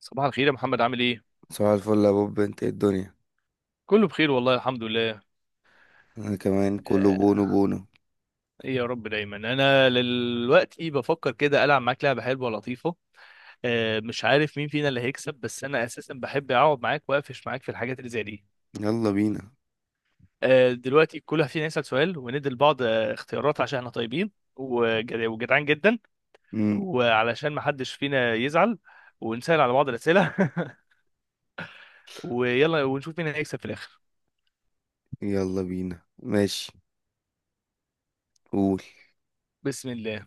صباح الخير يا محمد، عامل ايه؟ صباح الفل يا بوب، انت ايه الدنيا. كله بخير والله، الحمد لله. انا كمان كله بونو آه، بونو. ايه يا رب، دايما انا دلوقتي بفكر كده العب معاك لعبه حلوه لطيفه. مش عارف مين فينا اللي هيكسب، بس انا اساسا بحب اقعد معاك واقفش معاك في الحاجات اللي زي دي. يلا بينا. دلوقتي كل واحد فينا يسال سؤال وندي لبعض اختيارات، عشان احنا طيبين وجدعان جدا، مم. وعلشان ما حدش فينا يزعل، ونسال على بعض الاسئله. ويلا ونشوف مين هيكسب في الاخر. يلا بينا ماشي، قول. بسم الله.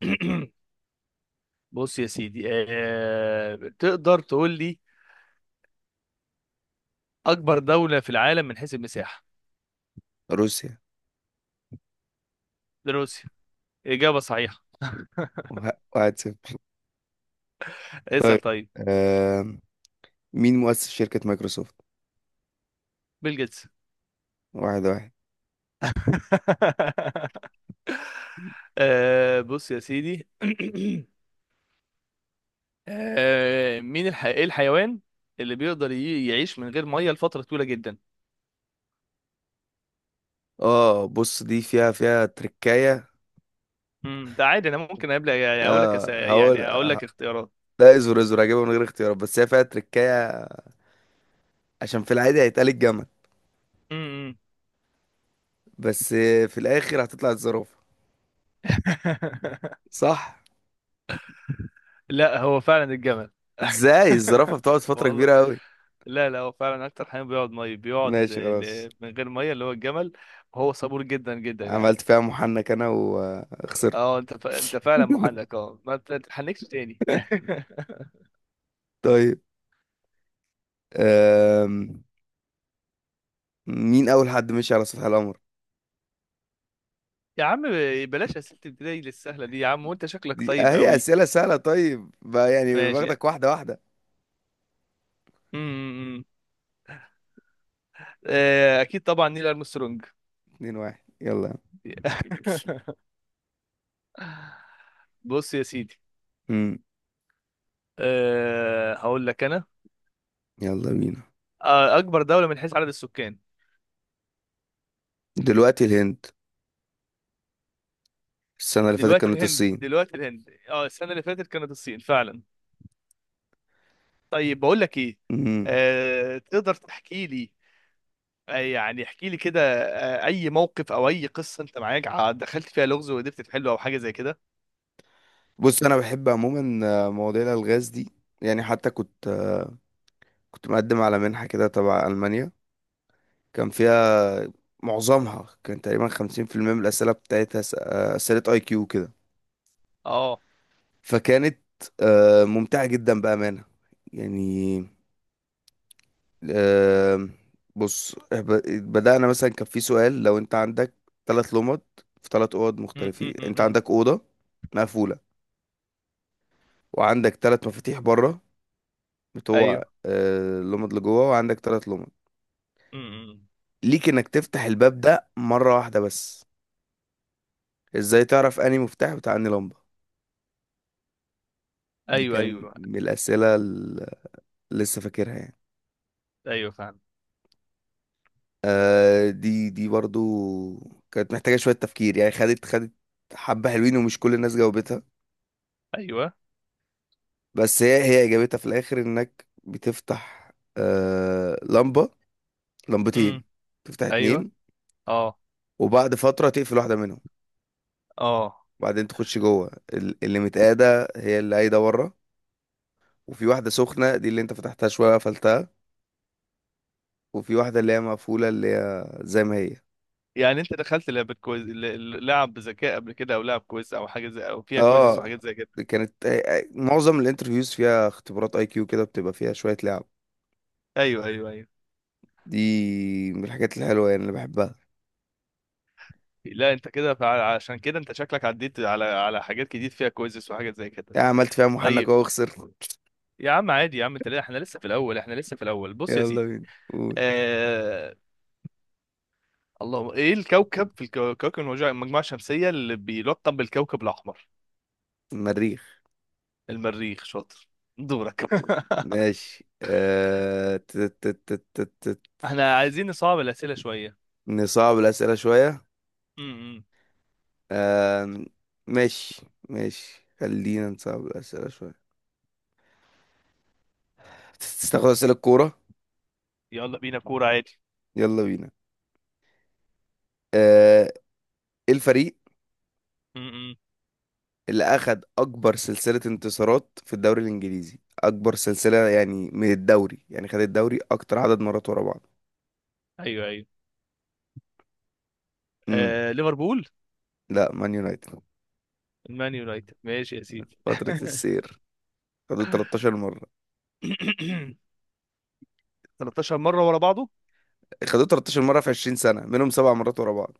بص يا سيدي، تقدر تقول لي اكبر دولة في العالم من حيث المساحة؟ روسيا. روسيا. اجابة صحيحة. 1-0. اسأل طيب. طيب. آم، مين مؤسس شركة مايكروسوفت. بيل جيتس. 1-1. بص يا سيدي. إيه الحيوان اللي يعيش من غير مية لفترة طويلة جدا؟ اه بص، دي فيها تركاية. امم، ده عادي، انا ممكن قبل اقول لك اه هقول يعني اقول لك اختيارات. لا، ازور هجيبها من غير اختيارات، بس هي فيها تركاية عشان في العادي هيتقال الجمل، امم. بس في الاخر هتطلع الزرافة. صح. لا هو فعلا الجمل. ازاي الزرافة بتقعد فترة والله كبيرة أوي. لا، لا هو فعلا اكتر حيوان بيقعد ميه، بيقعد ماشي خلاص. من غير ميه، اللي هو الجمل. وهو صبور جدا جدا يعني. عملت فيها محنك أنا وخسرت. اه، انت انت فعلا محنك، اه ما تتحنكش تاني. طيب. أم... مين أول حد مشي على سطح القمر؟ يا عم بلاش اسئله البدايه للسهله دي يا عم، وانت شكلك دي طيب هي قوي. أسئلة سهلة، طيب بقى يعني ماشي باخدك يعني. واحدة واحدة. امم. اكيد طبعا، نيل ارمسترونج. 2-1، يلا. بص يا سيدي. مم. أه هقول لك انا. يلا بينا. اكبر دوله من حيث عدد السكان؟ دلوقتي الهند، السنة اللي فاتت دلوقتي كانت الهند. الصين. اه السنه اللي فاتت كانت الصين فعلا. طيب بقول لك ايه. مم. تقدر تحكي لي، يعني احكي لي كده، اي موقف او اي قصه انت معاك دخلت فيها لغز وقدرت تحله، او حاجه زي كده. بص، أنا بحب عموما مواضيع الألغاز دي. يعني حتى كنت كنت مقدم على منحة كده تبع ألمانيا، كان فيها معظمها كان تقريبا 50% من الأسئلة بتاعتها أسئلة أي كيو كده، اه. فكانت ممتعة جدا بأمانة، يعني، آه، بص ب- بدأنا. مثلا كان في سؤال، لو أنت عندك ثلاث لمض في ثلاث أوض أم، مختلفين، أم، أم، أنت أم، عندك أوضة مقفولة، وعندك ثلاث مفاتيح بره بتوع ايوه. لمض لجوه، وعندك ثلاث لمض. أم. ليك إنك تفتح الباب ده مرة واحدة بس، إزاي تعرف أنهي مفتاح بتاع أنهي لمبة. دي ايوه، كان ايوه، من الأسئلة اللي لسه فاكرها، يعني. ايوه، فاهم. آه دي برضو كانت محتاجة شوية تفكير، يعني خدت حبة حلوين، ومش كل الناس جاوبتها. ايوه، بس هي إجابتها في الآخر إنك بتفتح آه لمبة، أم، لمبتين، تفتح ايوه، اتنين، اه وبعد فترة تقفل واحدة منهم، اه. وبعدين تخش جوه اللي متقادة هي اللي قايدة ورا، وفي واحدة سخنة دي اللي انت فتحتها شوية قفلتها، وفي واحدة اللي هي مقفولة اللي هي زي ما هي. يعني انت دخلت لعبه كويز، لعب بذكاء قبل كده، او لعب كويز، او حاجه زي، او فيها كويزز اه وحاجات زي كده؟ كانت، معظم الانترفيوز فيها اختبارات اي كيو كده، بتبقى فيها شوية لعب. ايوه، ايوه، ايوه. دي من الحاجات الحلوة يعني اللي بحبها. لا انت كده عشان كده انت شكلك عديت على على حاجات كتير فيها كويزز وحاجات زي كده. يعني عملت فيها محنك طيب، اهو وخسرت. يا عم عادي يا عم، انت احنا لسه في الاول، احنا لسه في الاول. بص يا يلا سيدي، بينا، قول. آه... اللهم ايه الكوكب في كوكب المجموعة الشمسيه اللي بيلقب بالكوكب الاحمر؟ مريخ. المريخ، شاطر. دورك. ماشي. احنا عايزين نصعب الاسئله شويه. نصعب الأسئلة شوية. امم. آه... ماشي، ماشي خلينا نصعب الأسئلة شوية. تستخدم أسئلة الكورة. يلا بينا كوره عادي. يلا بينا. آه... ايه الفريق امم. اللي أخد أكبر سلسلة انتصارات في الدوري الإنجليزي، أكبر سلسلة يعني من الدوري، يعني خد الدوري أكتر عدد مرات ورا بعض. ايوه، ايوه. امم. ليفربول. لا، مان يونايتد. المان يونايتد، ماشي يا سيدي. فترة السير، خدوه 13 مرة. 13 مره ورا بعضه. خدوه 13 مرة في 20 سنة، منهم 7 مرات ورا بعض.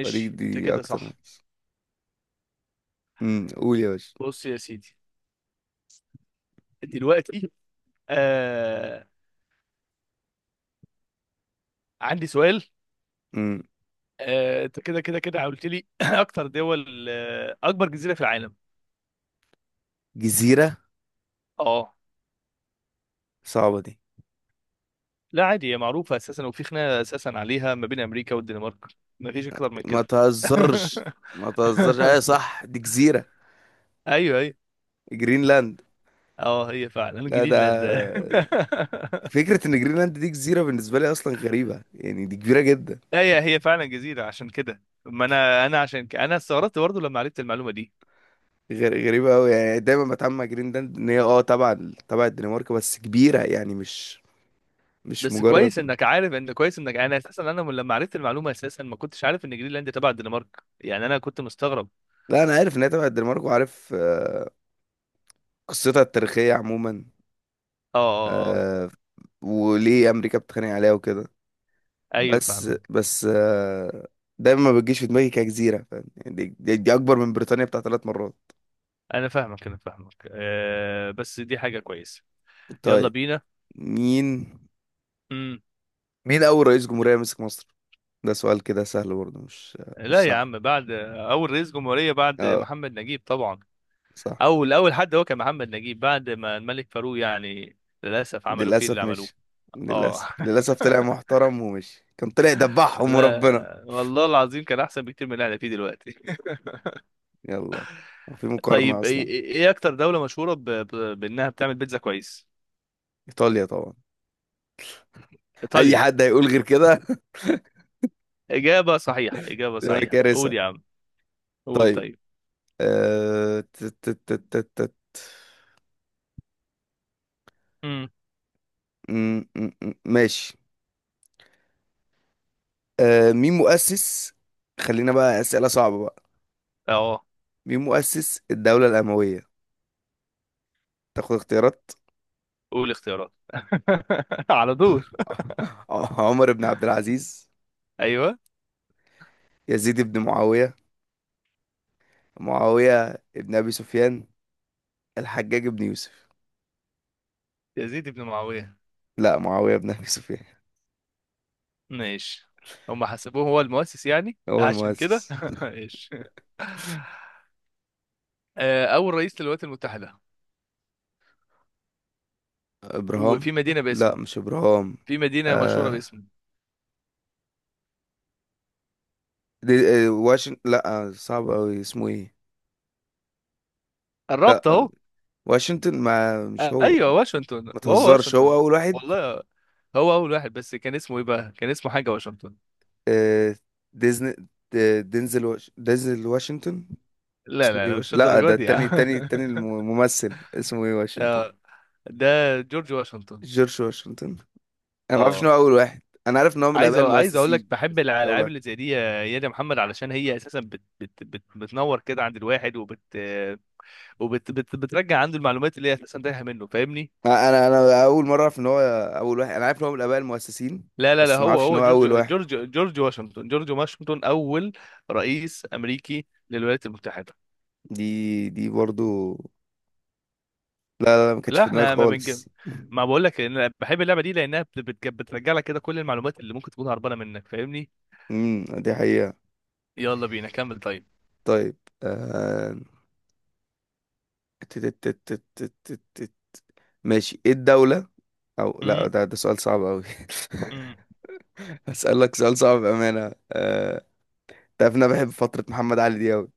فدي انت دي كده أكتر صح. يعني. امم، قول يا باشا. بص يا سيدي، دلوقتي آه... عندي سؤال. امم، انت كده قلت لي اكتر دول، اكبر جزيره في العالم. جزيرة، اه، صعبة دي. لا عادي هي معروفه اساسا، وفي خناقه اساسا عليها ما بين امريكا والدنمارك. مفيش اكتر من ما كده. تهزرش. ما تهزرش، أيوة صح، دي جزيرة. ايوه، ايوه. جرينلاند. اه هي فعلا لا ده، جرينلاند. فكرة إن جرينلاند دي جزيرة بالنسبة لي أصلا غريبة، يعني دي كبيرة جدا، هي هي فعلا جزيره، عشان كده ما انا، انا انا استغربت برضه لما عرفت المعلومه دي. غير غريبة أوي يعني. دايما بتعامل مع جرينلاند إن هي أه تبع تبع الدنمارك، بس كبيرة يعني، مش، مش بس كويس مجرد. انك عارف، ان كويس انك، انا اساسا، انا من لما عرفت المعلومه اساسا ما كنتش عارف ان جرينلاند تبع الدنمارك، يعني انا كنت مستغرب. لا، أنا عارف إن هي تبع الدنمارك، وعارف قصتها التاريخية عموما، اه اه اه، آه. آه، وليه أمريكا بتتخانق عليها وكده. ايوه بس فاهمك. بس آه، دايما ما بتجيش في دماغي كجزيرة، فاهم يعني، دي, دي, دي أكبر من بريطانيا بتاع 3 مرات. انا فاهمك أه، بس دي حاجه كويسه. يلا طيب. بينا. مين، امم. مين أول رئيس جمهورية مسك مصر؟ ده سؤال كده سهل برضه، مش، لا مش يا صعب. عم، بعد اول رئيس جمهوريه بعد اه محمد نجيب طبعا. صح. اول، اول حد هو كان محمد نجيب، بعد ما الملك فاروق يعني، للاسف عملوا فيه اللي للأسف عملوه. مش، اه. للأسف، للأسف طلع محترم، ومش كان طلع دبحهم وربنا. لا والله العظيم كان احسن بكتير من اللي احنا فيه دلوقتي. يلا، في مقارنة طيب ايه، أصلا. إيه اكتر دوله مشهوره بانها بتعمل بيتزا كويس؟ إيطاليا طبعا. أي ايطاليا. حد هيقول غير كده. اجابه صحيحه، اجابه تبقى صحيحه، قول كارثة. يا عم. قول طيب. طيب. آه... ت- ت- ت- ت- ت- امم. م- م- م- ماشي. مين مؤسس، خلينا بقى أسئلة صعبة بقى. اه مين مؤسس الدولة الأموية؟ تاخد اختيارات. قول اختيارات. على طول. عمر بن عبد العزيز، ايوه. يزيد بن معاوية، معاوية بن أبي سفيان، الحجاج بن يوسف. يزيد بن معاويه. لا، معاوية بن أبي سفيان. ماشي، هم حسبوه هو المؤسس يعني، هو عشان كده المؤسس. ماشي. اول رئيس للولايات المتحده، إبراهام. وفي مدينه لا باسمه، مش إبراهام. في مدينه مشهوره آه باسمه. دي. آه واشنطن، لا، صعب أوي اسمه إيه. لا، قربت اهو. واشنطن، ما مش هو. ايوه واشنطن، ما هو تهزرش، هو واشنطن. أول واحد. والله هو اول واحد، بس كان اسمه ايه بقى، كان اسمه حاجه واشنطن. آه ديزني، دينزل دينزل واشنطن. لا اسمه لا إيه لا مش لا، الدرجه ده دي يا التاني عم. التاني التاني الممثل اسمه إيه واشنطن. آه، ده جورج واشنطن. جورج واشنطن. أنا ما أعرفش إن اه، هو أول واحد، أنا عارف إن هو من عايز الآباء عايز اقول لك المؤسسين بحب بس مش أول الالعاب واحد. اللي زي دي يا، يا محمد، علشان هي اساسا بت بتنور كده عند الواحد، وبت بترجع عنده المعلومات اللي هي اساسا تايهه منه. فاهمني. انا اول مره اعرف ان هو اول واحد، انا عارف ان هو من الاباء المؤسسين لا لا لا، بس ما هو اعرفش ان هو هو جورج اول واحد. جورج جورج واشنطن. جورج واشنطن اول رئيس امريكي للولايات المتحده. دي دي برضو. لا، لا, لا ما كانتش لا في دماغي احنا ما بنج. خالص. ما بقول لك ان انا بحب اللعبه دي، لانها بترجع لك كده كل المعلومات اللي ممكن تكون هربانه منك. فاهمني. امم، دي حقيقه. يلا بينا كمل طيب. طيب. آه... تت- تت- تت- تت- تت- تت. ماشي، ايه الدوله، او لا امم، ده، ده سؤال صعب قوي. امم. اسالك سؤال صعب بامانه. تعرف إن انا بحب فتره محمد علي دي قوي.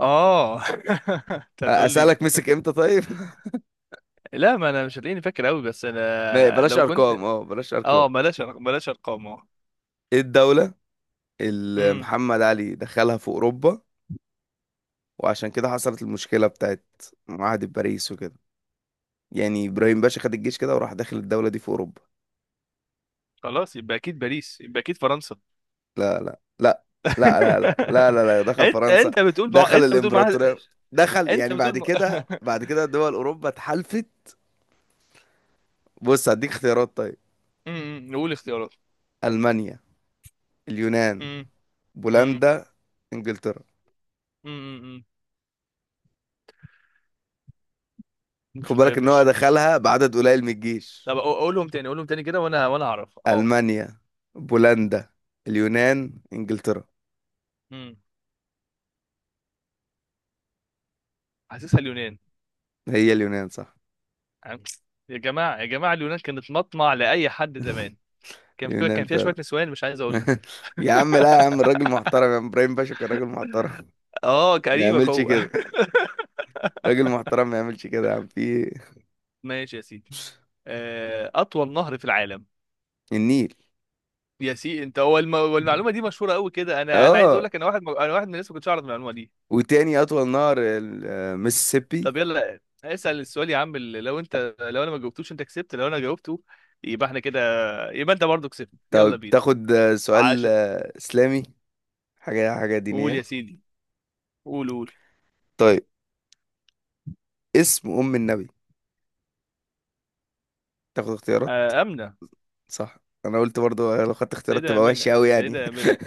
اه. انت هتقول لي. اسالك مسك امتى، طيب. لا ما انا مش هتلاقيني فاكر قوي، بس انا بلاش لو كنت. ارقام، اه بلاش ارقام. اه بلاش بلاش ارقام اه. ايه الدوله اللي امم. محمد علي دخلها في اوروبا، وعشان كده حصلت المشكلة بتاعت معاهدة باريس وكده، يعني إبراهيم باشا خد الجيش كده وراح داخل الدولة دي في أوروبا. خلاص يبقى اكيد باريس، يبقى اكيد فرنسا. لا، لا، لا، لا، لا، لا، لا، لا, لا. دخل انت فرنسا. انت بتقول مع... دخل الإمبراطورية، دخل انت يعني، بتقول بعد مع... كده، بعد كده دول أوروبا اتحالفت. بص هديك اختيارات، طيب. امم، نقول اختيارات. ألمانيا، اليونان، امم. امم. بولندا، إنجلترا. امم. خد مش بالك إن هو مش. دخلها بعدد قليل من الجيش. طب اقولهم تاني، اقولهم تاني كده، وانا اعرف اه. ألمانيا، بولندا، اليونان، إنجلترا. امم. حاسسها اليونان. هي اليونان صح. عم- يا جماعه، يا جماعه، اليونان كانت مطمع لاي حد زمان. كان فيها كان اليونان. فيها شويه نسوان، مش عايز اقول لك. يا عم لا، يا عم الراجل محترم، يا عم ابراهيم باشا كان راجل محترم. اه ما قريبك يعملش هو. كده. راجل محترم ما يعملش كده، يا عم في إيه؟ ماشي يا سيدي، اطول نهر في العالم. النيل. يا سي انت هو، والمعلومه دي مشهوره قوي كده، انا، انا عايز اقول اه، لك، انا واحد انا واحد من الناس ما كنتش اعرف المعلومه دي. وتاني اطول نهر المسيسيبي. طب يلا اسال السؤال يا عم، اللي لو انت، لو انا ما جاوبتوش انت كسبت، لو انا جاوبته يبقى احنا كده، يبقى انت برضو كسبت. يلا طب بينا تاخد سؤال عشان. اسلامي، حاجه قول يا دينيه. سيدي، قول، قول. طيب اسم ام النبي، تاخد اختيارات. امنه. صح. انا قلت برضو لو خدت اختيارات السيدة تبقى آمنة، وحشه قوي يعني. السيدة آمنة.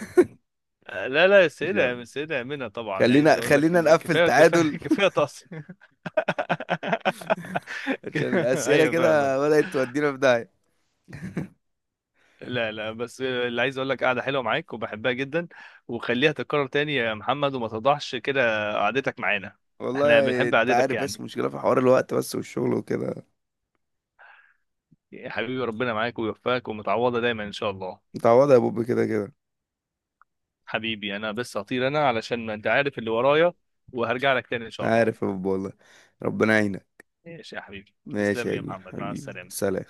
لا لا، ماشي يا السيدة، عم، السيدة آمنة طبعا يعني، عايز خلينا أقول لك. خلينا نقفل كفاية، تعادل. كفاية، كفاية طاس. عشان الاسئله ايوه فاهمك. كده بدات تودينا في داهيه. لا لا، بس اللي عايز اقول لك، قاعده حلوه معاك وبحبها جدا، وخليها تتكرر تاني يا محمد، وما تضحش كده قعدتك معانا. احنا والله بنحب انت قعدتك عارف، بس يعني. مشكلة في حوار الوقت بس والشغل وكده. يا حبيبي، ربنا معاك ويوفقك، ومتعوضه دايما ان شاء الله. متعوضة يا بوب، كده كده. حبيبي انا بس هطير انا، علشان ما انت عارف اللي ورايا، وهرجع لك تاني ان شاء الله. عارف يا بوب، والله ربنا يعينك. ماشي يا حبيبي، ماشي تسلم لي يا يا كبير، محمد، مع حبيبي السلامه. سلام.